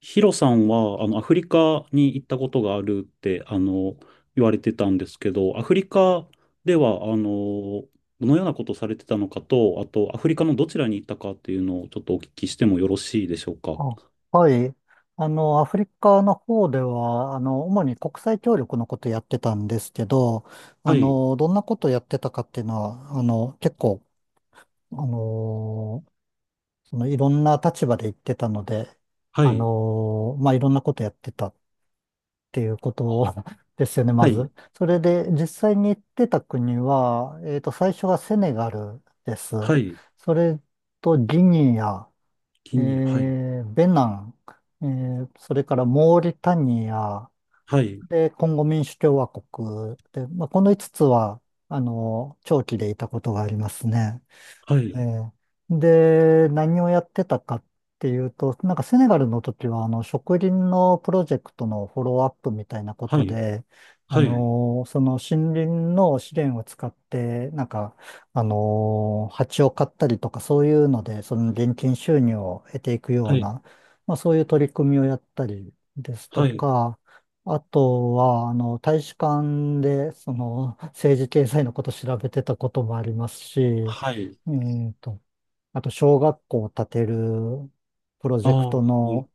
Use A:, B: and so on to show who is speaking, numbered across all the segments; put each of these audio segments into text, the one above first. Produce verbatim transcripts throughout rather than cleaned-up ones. A: ヒロさんは、あの、アフリカに行ったことがあるって、あの、言われてたんですけど、アフリカでは、あの、どのようなことをされてたのかと、あと、アフリカのどちらに行ったかっていうのをちょっとお聞きしてもよろしいでしょうか。
B: あ、はい。あの、アフリカの方では、あの、主に国際協力のことやってたんですけど、あ
A: はい、
B: の、どんなことやってたかっていうのは、あの、結構、あの、そのいろんな立場で言ってたので、
A: は
B: あ
A: い、
B: の、まあ、いろんなことやってたっていうこと ですよね、ま
A: はい、
B: ず。それで、実際に行ってた国は、えっと、最初はセネガルです。
A: はい、
B: それとギニア。
A: ギ
B: え
A: ニア、はい、
B: ーベナン、えーそれからモーリタニア、
A: はい、
B: で、コンゴ民主共和国で、まあ、このいつつつは、あの、長期でいたことがありますね。
A: は
B: え
A: い、
B: えで、何をやってたかっていうと、なんかセネガルの時は、あの、植林のプロジェクトのフォローアップみたいなこ
A: は
B: と
A: い、
B: で、あ
A: はい、
B: の、その森林の資源を使って、なんか、あの、蜂を飼ったりとか、そういうので、その現金収入を得ていくよ
A: は
B: う
A: い、
B: な、まあそういう取り組みをやったりですと
A: はい、
B: か、あとは、あの、大使館で、その、政治経済のこと調べてたこともありますし、
A: はい、
B: えーと、あと小学校を建てるプロ
A: あ
B: ジ
A: あ、
B: ェク
A: そ
B: ト
A: ういう
B: の、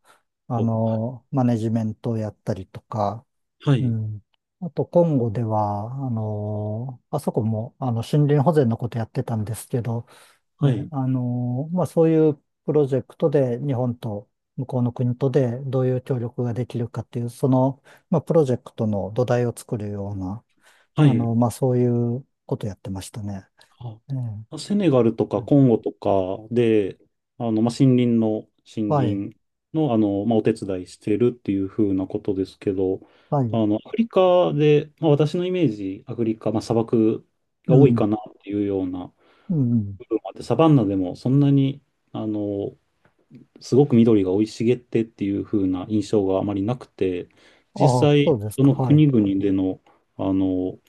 B: あ
A: ことか。
B: の、マネジメントをやったりとか、
A: は
B: う
A: い、
B: ん。あと、コンゴでは、あの、あそこも、あの、森林保全のことやってたんですけど、
A: は
B: ね、
A: い、
B: あの、まあ、そういうプロジェクトで日本と向こうの国とでどういう協力ができるかっていう、その、まあ、プロジェクトの土台を作るような、
A: は
B: あ
A: い、
B: の、まあ、そういうことやってましたね。ええ、
A: あセネガルとかコンゴとかで、あの、まあ、森林の、森
B: はい。
A: 林の、あの、まあ、お手伝いしてるっていう風なことですけど、
B: はい。
A: あの、アフリカで、まあ、私のイメージ、アフリカ、まあ、砂漠
B: う
A: が多い
B: ん、
A: かなっていうような
B: うん。
A: 部分もあって、サバンナでもそんなに、あの、すごく緑が生い茂ってっていう風な印象があまりなくて、実
B: ああ、
A: 際、
B: そうです
A: そ
B: か、
A: の
B: はい。
A: 国々での、あの、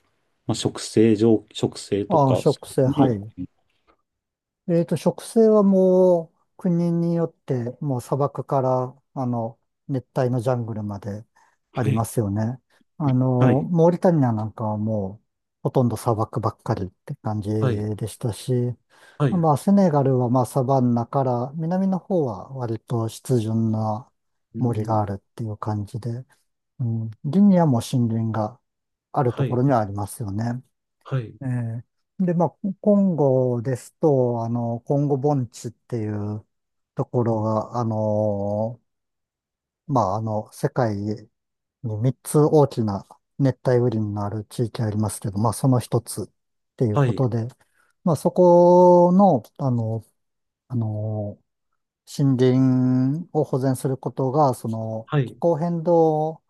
A: まあ、植生、上、植生と
B: ああ、
A: か、そ
B: 植生、
A: ういう
B: は
A: も
B: い。
A: の、
B: えっと、植生はもう、国によって、もう砂漠から、あの、熱帯のジャングルまであ
A: は
B: りま
A: い
B: すよね。あ
A: は
B: の、
A: い、
B: モーリタニアなんかはもう、ほとんど砂漠ばっかりって感じ
A: はい、
B: でしたし、
A: はい、
B: まあ、セネガルはまあ、サバンナから、南の方は割と湿潤な
A: う
B: 森があ
A: ん、
B: るっていう感じで、うん、林にはもう森林があると
A: は
B: こ
A: い、
B: ろにはありますよね。
A: はい、
B: ええで、まあ、コンゴですと、あの、コンゴ盆地っていうとこ
A: う
B: ろ
A: ん
B: が、あの、まあ、あの、世界にみっつ大きな熱帯雨林がある地域ありますけど、まあ、その一つっていう
A: は
B: こ
A: い、
B: とで、まあ、そこの、あの、あの、森林を保全することが、その、
A: は
B: 気
A: い、
B: 候変動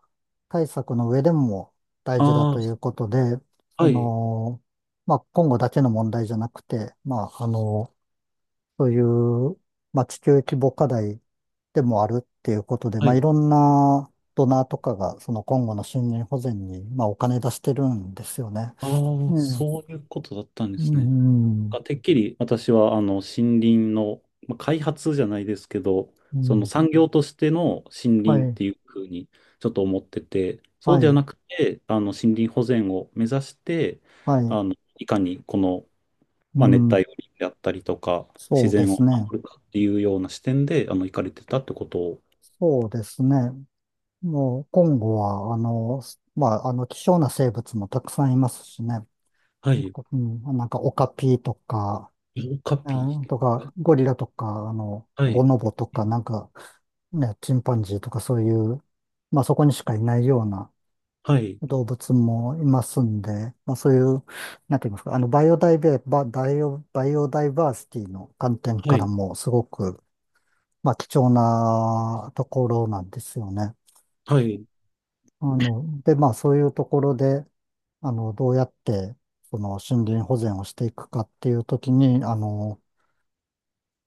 B: 対策の上でも大事だという
A: あ
B: ことで、
A: あ、
B: そ
A: はい、
B: の、まあ、今後だけの問題じゃなくて、まあ、あの、そういう、まあ、地球規模課題でもあるっていうことで、
A: は
B: まあ、い
A: い、
B: ろんなドナーとかが、その今後の森林保全に、まあ、お金出してるんですよね。
A: ああ、
B: うん。
A: そういうことだったんで
B: う
A: すね。な
B: ん。
A: んかてっきり私は、あの、森林の、まあ、開発じゃないですけど、
B: う
A: その
B: ん。
A: 産業としての森
B: は
A: 林っ
B: い。
A: ていうふうにちょっと思ってて、そう
B: は
A: では
B: い。
A: なくて、あの、森林保全を目指して、
B: はい。
A: あの、いかにこの、
B: う
A: まあ、熱
B: ん。
A: 帯雨林であったりとか、自
B: そうで
A: 然を
B: すね。
A: 守るかっていうような視点で、あの、行かれてたってことを、
B: そうですね。もう、今後は、あの、すまあ、あの、希少な生物もたくさんいますしね。
A: は
B: なん
A: い。
B: か、うん、なんかオカピとか、
A: 色カ
B: え
A: ピ。
B: ーとか、ゴリラとか、あの、
A: は
B: ボ
A: い。
B: ノボとか、なんか、ね、チンパンジーとかそういう、まあ、そこにしかいないような
A: はい。
B: 動物もいますんで、まあ、そういう、なんて言いますか、あの、バイオダイベ、バ、ダイオ、バイオダイバーシティの観点
A: は
B: から
A: い。
B: も、すごく、まあ、貴重なところなんですよね。
A: はい。
B: あの、で、まあ、そういうところで、あの、どうやって、その、森林保全をしていくかっていうときに、あの、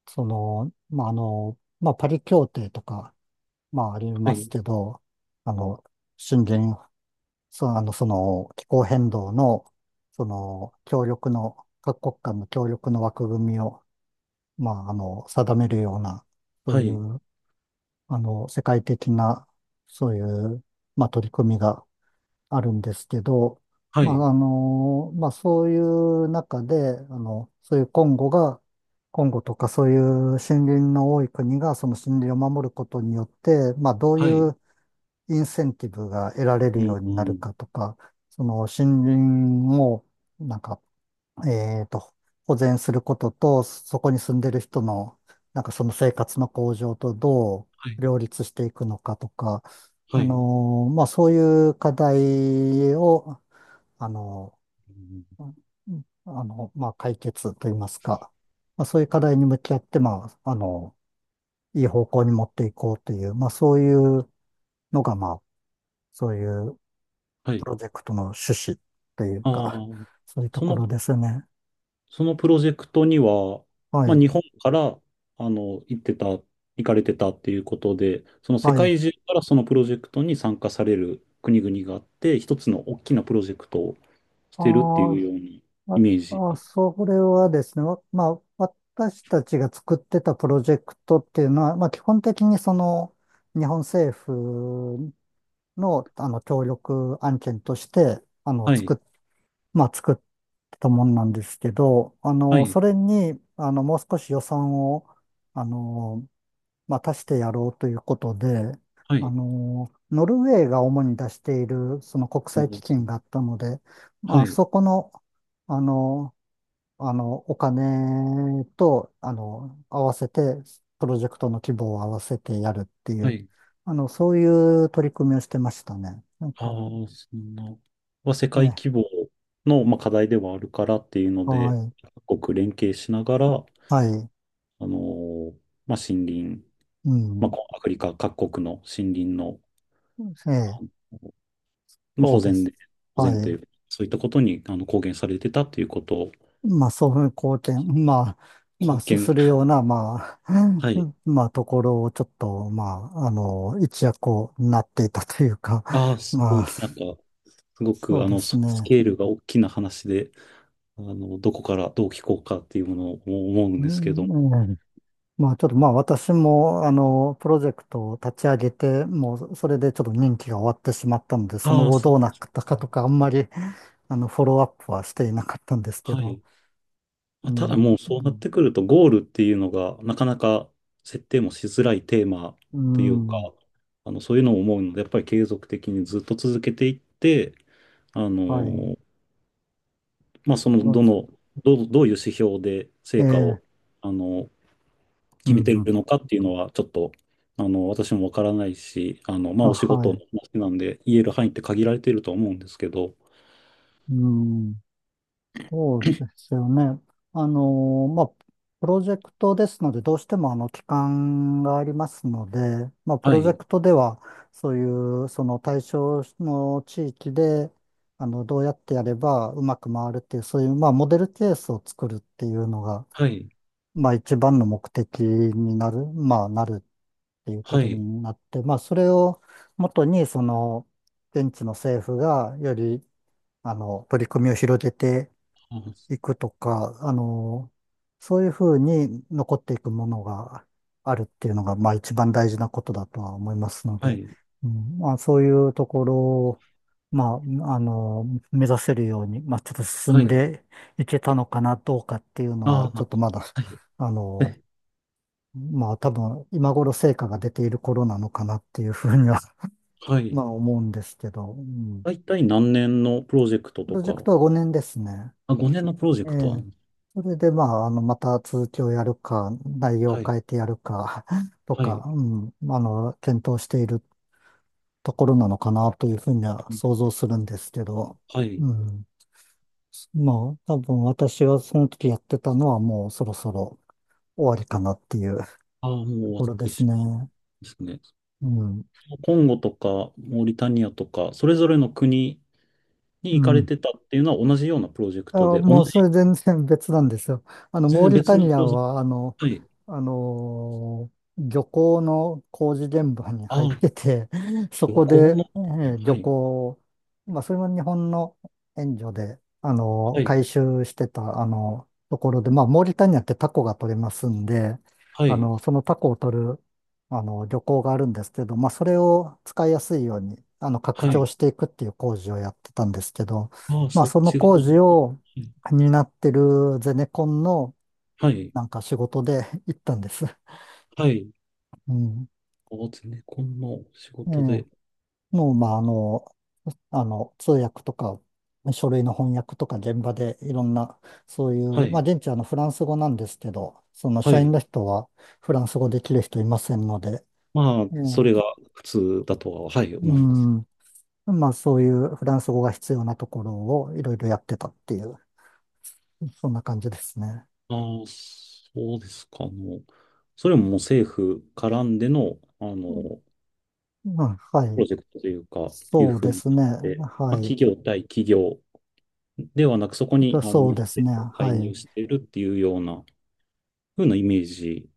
B: その、まあ、あの、まあ、パリ協定とか、まあ、あり
A: は
B: ま
A: い。
B: すけど、あの、森林、その、あの、その、気候変動の、その、協力の、各国間の協力の枠組みを、まあ、あの、定めるような、そう
A: は
B: い
A: い。
B: う、あの、世界的な、そういう、まあ、取り組みが、あるんですけど、
A: は
B: ま
A: い。
B: あ、あの、まあ、そういう中で、あの、そういうコンゴが、コンゴとかそういう森林の多い国がその森林を守ることによって、まあ、どうい
A: はい。
B: うインセンティブが得られる
A: う
B: よ
A: ん。
B: う
A: う
B: になる
A: ん。
B: かとか、その森林をなんかえーと、保全することと、そこに住んでる人の、なんかその生活の向上とど
A: はい。
B: う両立していくのかとか、
A: は
B: あ
A: い。う
B: のーまあそういう課題を、あの
A: ん
B: ーあの、まあ解決といいますか、まあそういう課題に向き合って、まあ、あの、いい方向に持っていこうという、まあそういうのが、まあそういう
A: は
B: プ
A: い。
B: ロジェクトの趣旨という
A: あ
B: か、
A: あ。
B: そういうと
A: そ
B: こ
A: の、
B: ろですね。
A: そのプロジェクトには、
B: は
A: まあ、
B: い。
A: 日本から、あの、行ってた、行かれてたっていうことで、その世
B: はい。
A: 界中からそのプロジェクトに参加される国々があって、一つの大きなプロジェクトをしてるって
B: あ
A: いうように
B: あ、
A: イメージ。
B: あ、あ、それはですね、わまあ、私たちが作ってたプロジェクトっていうのは、まあ、基本的にその日本政府の、あの協力案件としてあの
A: は
B: 作
A: い。
B: っ、まあ、作ってたもんなんですけど、あ
A: は
B: の
A: い。
B: それにあのもう少し予算をあの、まあ、足してやろうということで、
A: は
B: あ
A: い。
B: のノルウェーが主に出しているその国際基
A: お
B: 金があったので、ま
A: は
B: あ、
A: い。
B: そこのあのあの、お金と、あの、合わせて、プロジェクトの規模を合わせてやるってい
A: は
B: う、
A: い。
B: あの、そういう取り組みをしてましたね。なん
A: あ
B: か、
A: あ、そんな。は世
B: え
A: 界規
B: え、
A: 模の、まあ、課題ではあるからっていうの
B: は
A: で、
B: い、
A: 各国連携しながら、
B: はい、
A: あのーまあ、森林、
B: う
A: まあ、
B: ん、
A: こうアフリカ各国の森林の、
B: ええ、
A: あのまあ、
B: そ
A: 保
B: うで
A: 全
B: す。
A: で、保
B: は
A: 全とい
B: い。
A: う、そういったことにあの貢献されてたということを、
B: まあ、そういう貢献、まあ、まあ、
A: 貢
B: す
A: 献、
B: するような、まあ、
A: は
B: う
A: い。
B: ん、まあ、ところをちょっと、まあ、あの、一躍をなっていたというか、
A: ああ、す
B: ま
A: ごい、
B: あ、
A: なんか、すご
B: そ
A: く、
B: う
A: あ
B: で
A: の、
B: す
A: スス
B: ね。
A: ケールが大きな話で、あの、どこからどう聞こうかっていうものを思うん
B: う
A: ですけども、
B: ん、うん、まあちょっとまあ私もあのプロジェクトを立ち上げて、もうそれでちょっと任期が終わってしまったので、その
A: ああ、
B: 後
A: そ
B: ど
A: う、
B: うなったかとかあんまり あのフォローアップはしていなかったんですけ
A: は
B: ど、
A: い。ま
B: う
A: あ、ただ
B: ん、
A: もうそうなってくると、ゴールっていうのが、なかなか設定もしづらいテーマ
B: う
A: とい
B: ん、う
A: うか、
B: ん、
A: あの、そういうのを思うので、やっぱり継続的にずっと続けていって、あ
B: はい。
A: の、まあ、その、
B: うん、
A: どの、どう、どういう指標で
B: え
A: 成果を、
B: え、
A: あの、
B: う
A: 決
B: ん、
A: めて
B: うん、
A: るのかっていうのは、ちょっと、あの、私もわからないし、あの、まあ、
B: あ、
A: お仕
B: は
A: 事の
B: い。
A: 話なんで、言える範囲って限られていると思うんですけど、
B: うん、そうですよね。あの、まあ、プロジェクトですので、どうしてもあの期間がありますので、まあ、プ
A: は
B: ロジェ
A: い、
B: クトでは、そういう、その対象の地域で、あの、どうやってやればうまく回るっていう、そういう、まあ、モデルケースを作るっていうのが、
A: はい、
B: まあ、一番の目的になる、まあ、なるっていうこ
A: は
B: と
A: い、
B: になって、まあ、それを元に、その、現地の政府がより、あの、取り組みを広げて、
A: あ
B: 行くとか、あの、そういうふうに残っていくものがあるっていうのが、まあ一番大事なことだとは思いますの
A: は
B: で、
A: い、
B: うん、まあそういうところを、まあ、あの、目指せるように、まあちょっと進
A: は
B: ん
A: い、
B: でいけたのかな、どうかっていうの
A: あ
B: は、
A: あ、な
B: ちょ
A: ん
B: っと
A: か、
B: まだ、
A: はい。
B: あの、まあ多分今頃成果が出ている頃なのかなっていうふうには、
A: は
B: ま
A: い。
B: あ思うんですけど、うん、
A: 大体何年のプロジェクト
B: プ
A: と
B: ロジェク
A: か、
B: トはごねんですね。
A: あ、ごねんのプロジェ
B: え
A: クトは、
B: え。それで、まあ、あの、また続きをやるか、内容を
A: はい、
B: 変えてやるか、と
A: は
B: か、
A: い、
B: うん、あの、検討しているところなのかなというふうには想像するんですけど、
A: はい。
B: うん。まあ、多分私はその時やってたのはもうそろそろ終わりかなっていう
A: ああ、もう
B: と
A: 終わ
B: こ
A: っ
B: ろで
A: て
B: す
A: しまうん
B: ね。
A: ですね。
B: うん。
A: コンゴとか、モーリタニアとか、それぞれの国に
B: う
A: 行かれ
B: ん。
A: てたっていうのは同じようなプロジェク
B: あ、
A: トで、同
B: もうそ
A: じ、
B: れ全然別なんですよ。あの、
A: 全
B: モー
A: 然
B: リ
A: 別
B: タ
A: のプ
B: ニア
A: ロジェク
B: は、あの、
A: ト。はい。
B: あのー漁港の工事現場に
A: あ
B: 入っ
A: あ、
B: てて、そ
A: 旅
B: こ
A: 行
B: で、
A: の、
B: えー
A: は
B: 漁
A: い、
B: 港を、まあ、それも日本の援助で、あの
A: は
B: ー
A: い、
B: 回収してた、あのところで、まあ、モーリタニアってタコが取れますんで、
A: は
B: あ
A: い、
B: の、そのタコを取る、あの、漁港があるんですけど、まあ、それを使いやすいように、あの、拡
A: は
B: 張
A: い。
B: していくっていう工事をやってたんですけど、
A: ああ、
B: まあ、
A: そっ
B: その
A: ち側
B: 工
A: は
B: 事を、
A: い、
B: になってるゼネコンの
A: はい。
B: なんか仕事で 行ったんです。
A: はい
B: うん。
A: お、ゼネコンの仕
B: ええ。
A: 事で、
B: もう、まあ、あの、あの、通訳とか、書類の翻訳とか現場でいろんな、そうい
A: は
B: う、まあ、
A: い、
B: 現地はあのフランス語なんですけど、その
A: は
B: 社
A: い。
B: 員の人はフランス語できる人いませんので、
A: まあ、
B: え
A: それ
B: え。
A: が普通だとは、はい、
B: う
A: 思います。
B: ん。まあ、そういうフランス語が必要なところをいろいろやってたっていう、そんな感じですね。
A: ああ、そうですか。あの、それももう政府絡んでの、あ
B: うん。
A: の、
B: まあ、は
A: プ
B: い。
A: ロジェクトというか、いう
B: そう
A: ふう
B: で
A: に
B: すね。
A: なって、
B: は
A: まあ、
B: い。
A: 企業対企業ではなく、そこにあの日
B: そう
A: 本
B: です
A: 政
B: ね。
A: 府が介
B: は
A: 入
B: い。
A: しているっていうような、ふうなイメージ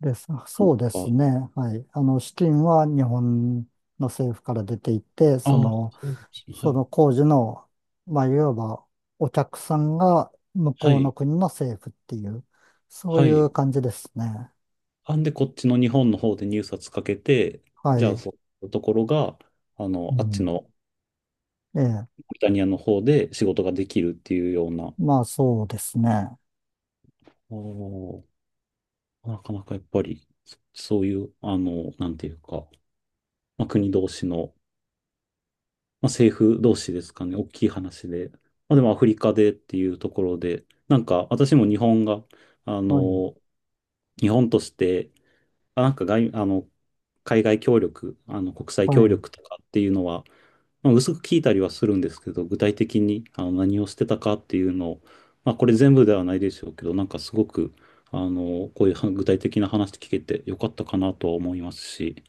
B: です。
A: の
B: そうです
A: か。
B: ね。はい。あの、資金は日本の政府から出ていて、そ
A: ああ、
B: の、
A: そうですね。は
B: そ
A: い。
B: の工事の、まあ、いわばお客さんが向
A: は
B: こうの
A: い。
B: 国の政府っていう、そう
A: は
B: い
A: い。
B: う感じですね。
A: あんで、こっちの日本の方で入札かけて、
B: は
A: じゃあ、
B: い。
A: そういうところが、あ
B: う
A: の、あっち
B: ん。
A: の
B: ええ。
A: リタニアの方で仕事ができるっていうような、
B: まあ、そうですね。
A: あーなかなかやっぱり、そそういう、あの、なんていうか、まあ、国同士の、まあ、政府同士ですかね、大きい話で、まあ、でもアフリカでっていうところで、なんか私も日本が、あ
B: はい。
A: の、日本として、あなんか外、あの、海外協力、あの、国際
B: は
A: 協
B: い。
A: 力とかっていうのは、まあ、薄く聞いたりはするんですけど、具体的にあの何をしてたかっていうのを、まあ、これ全部ではないでしょうけど、なんかすごく、あの、こういうは具体的な話聞けてよかったかなとは思いますし。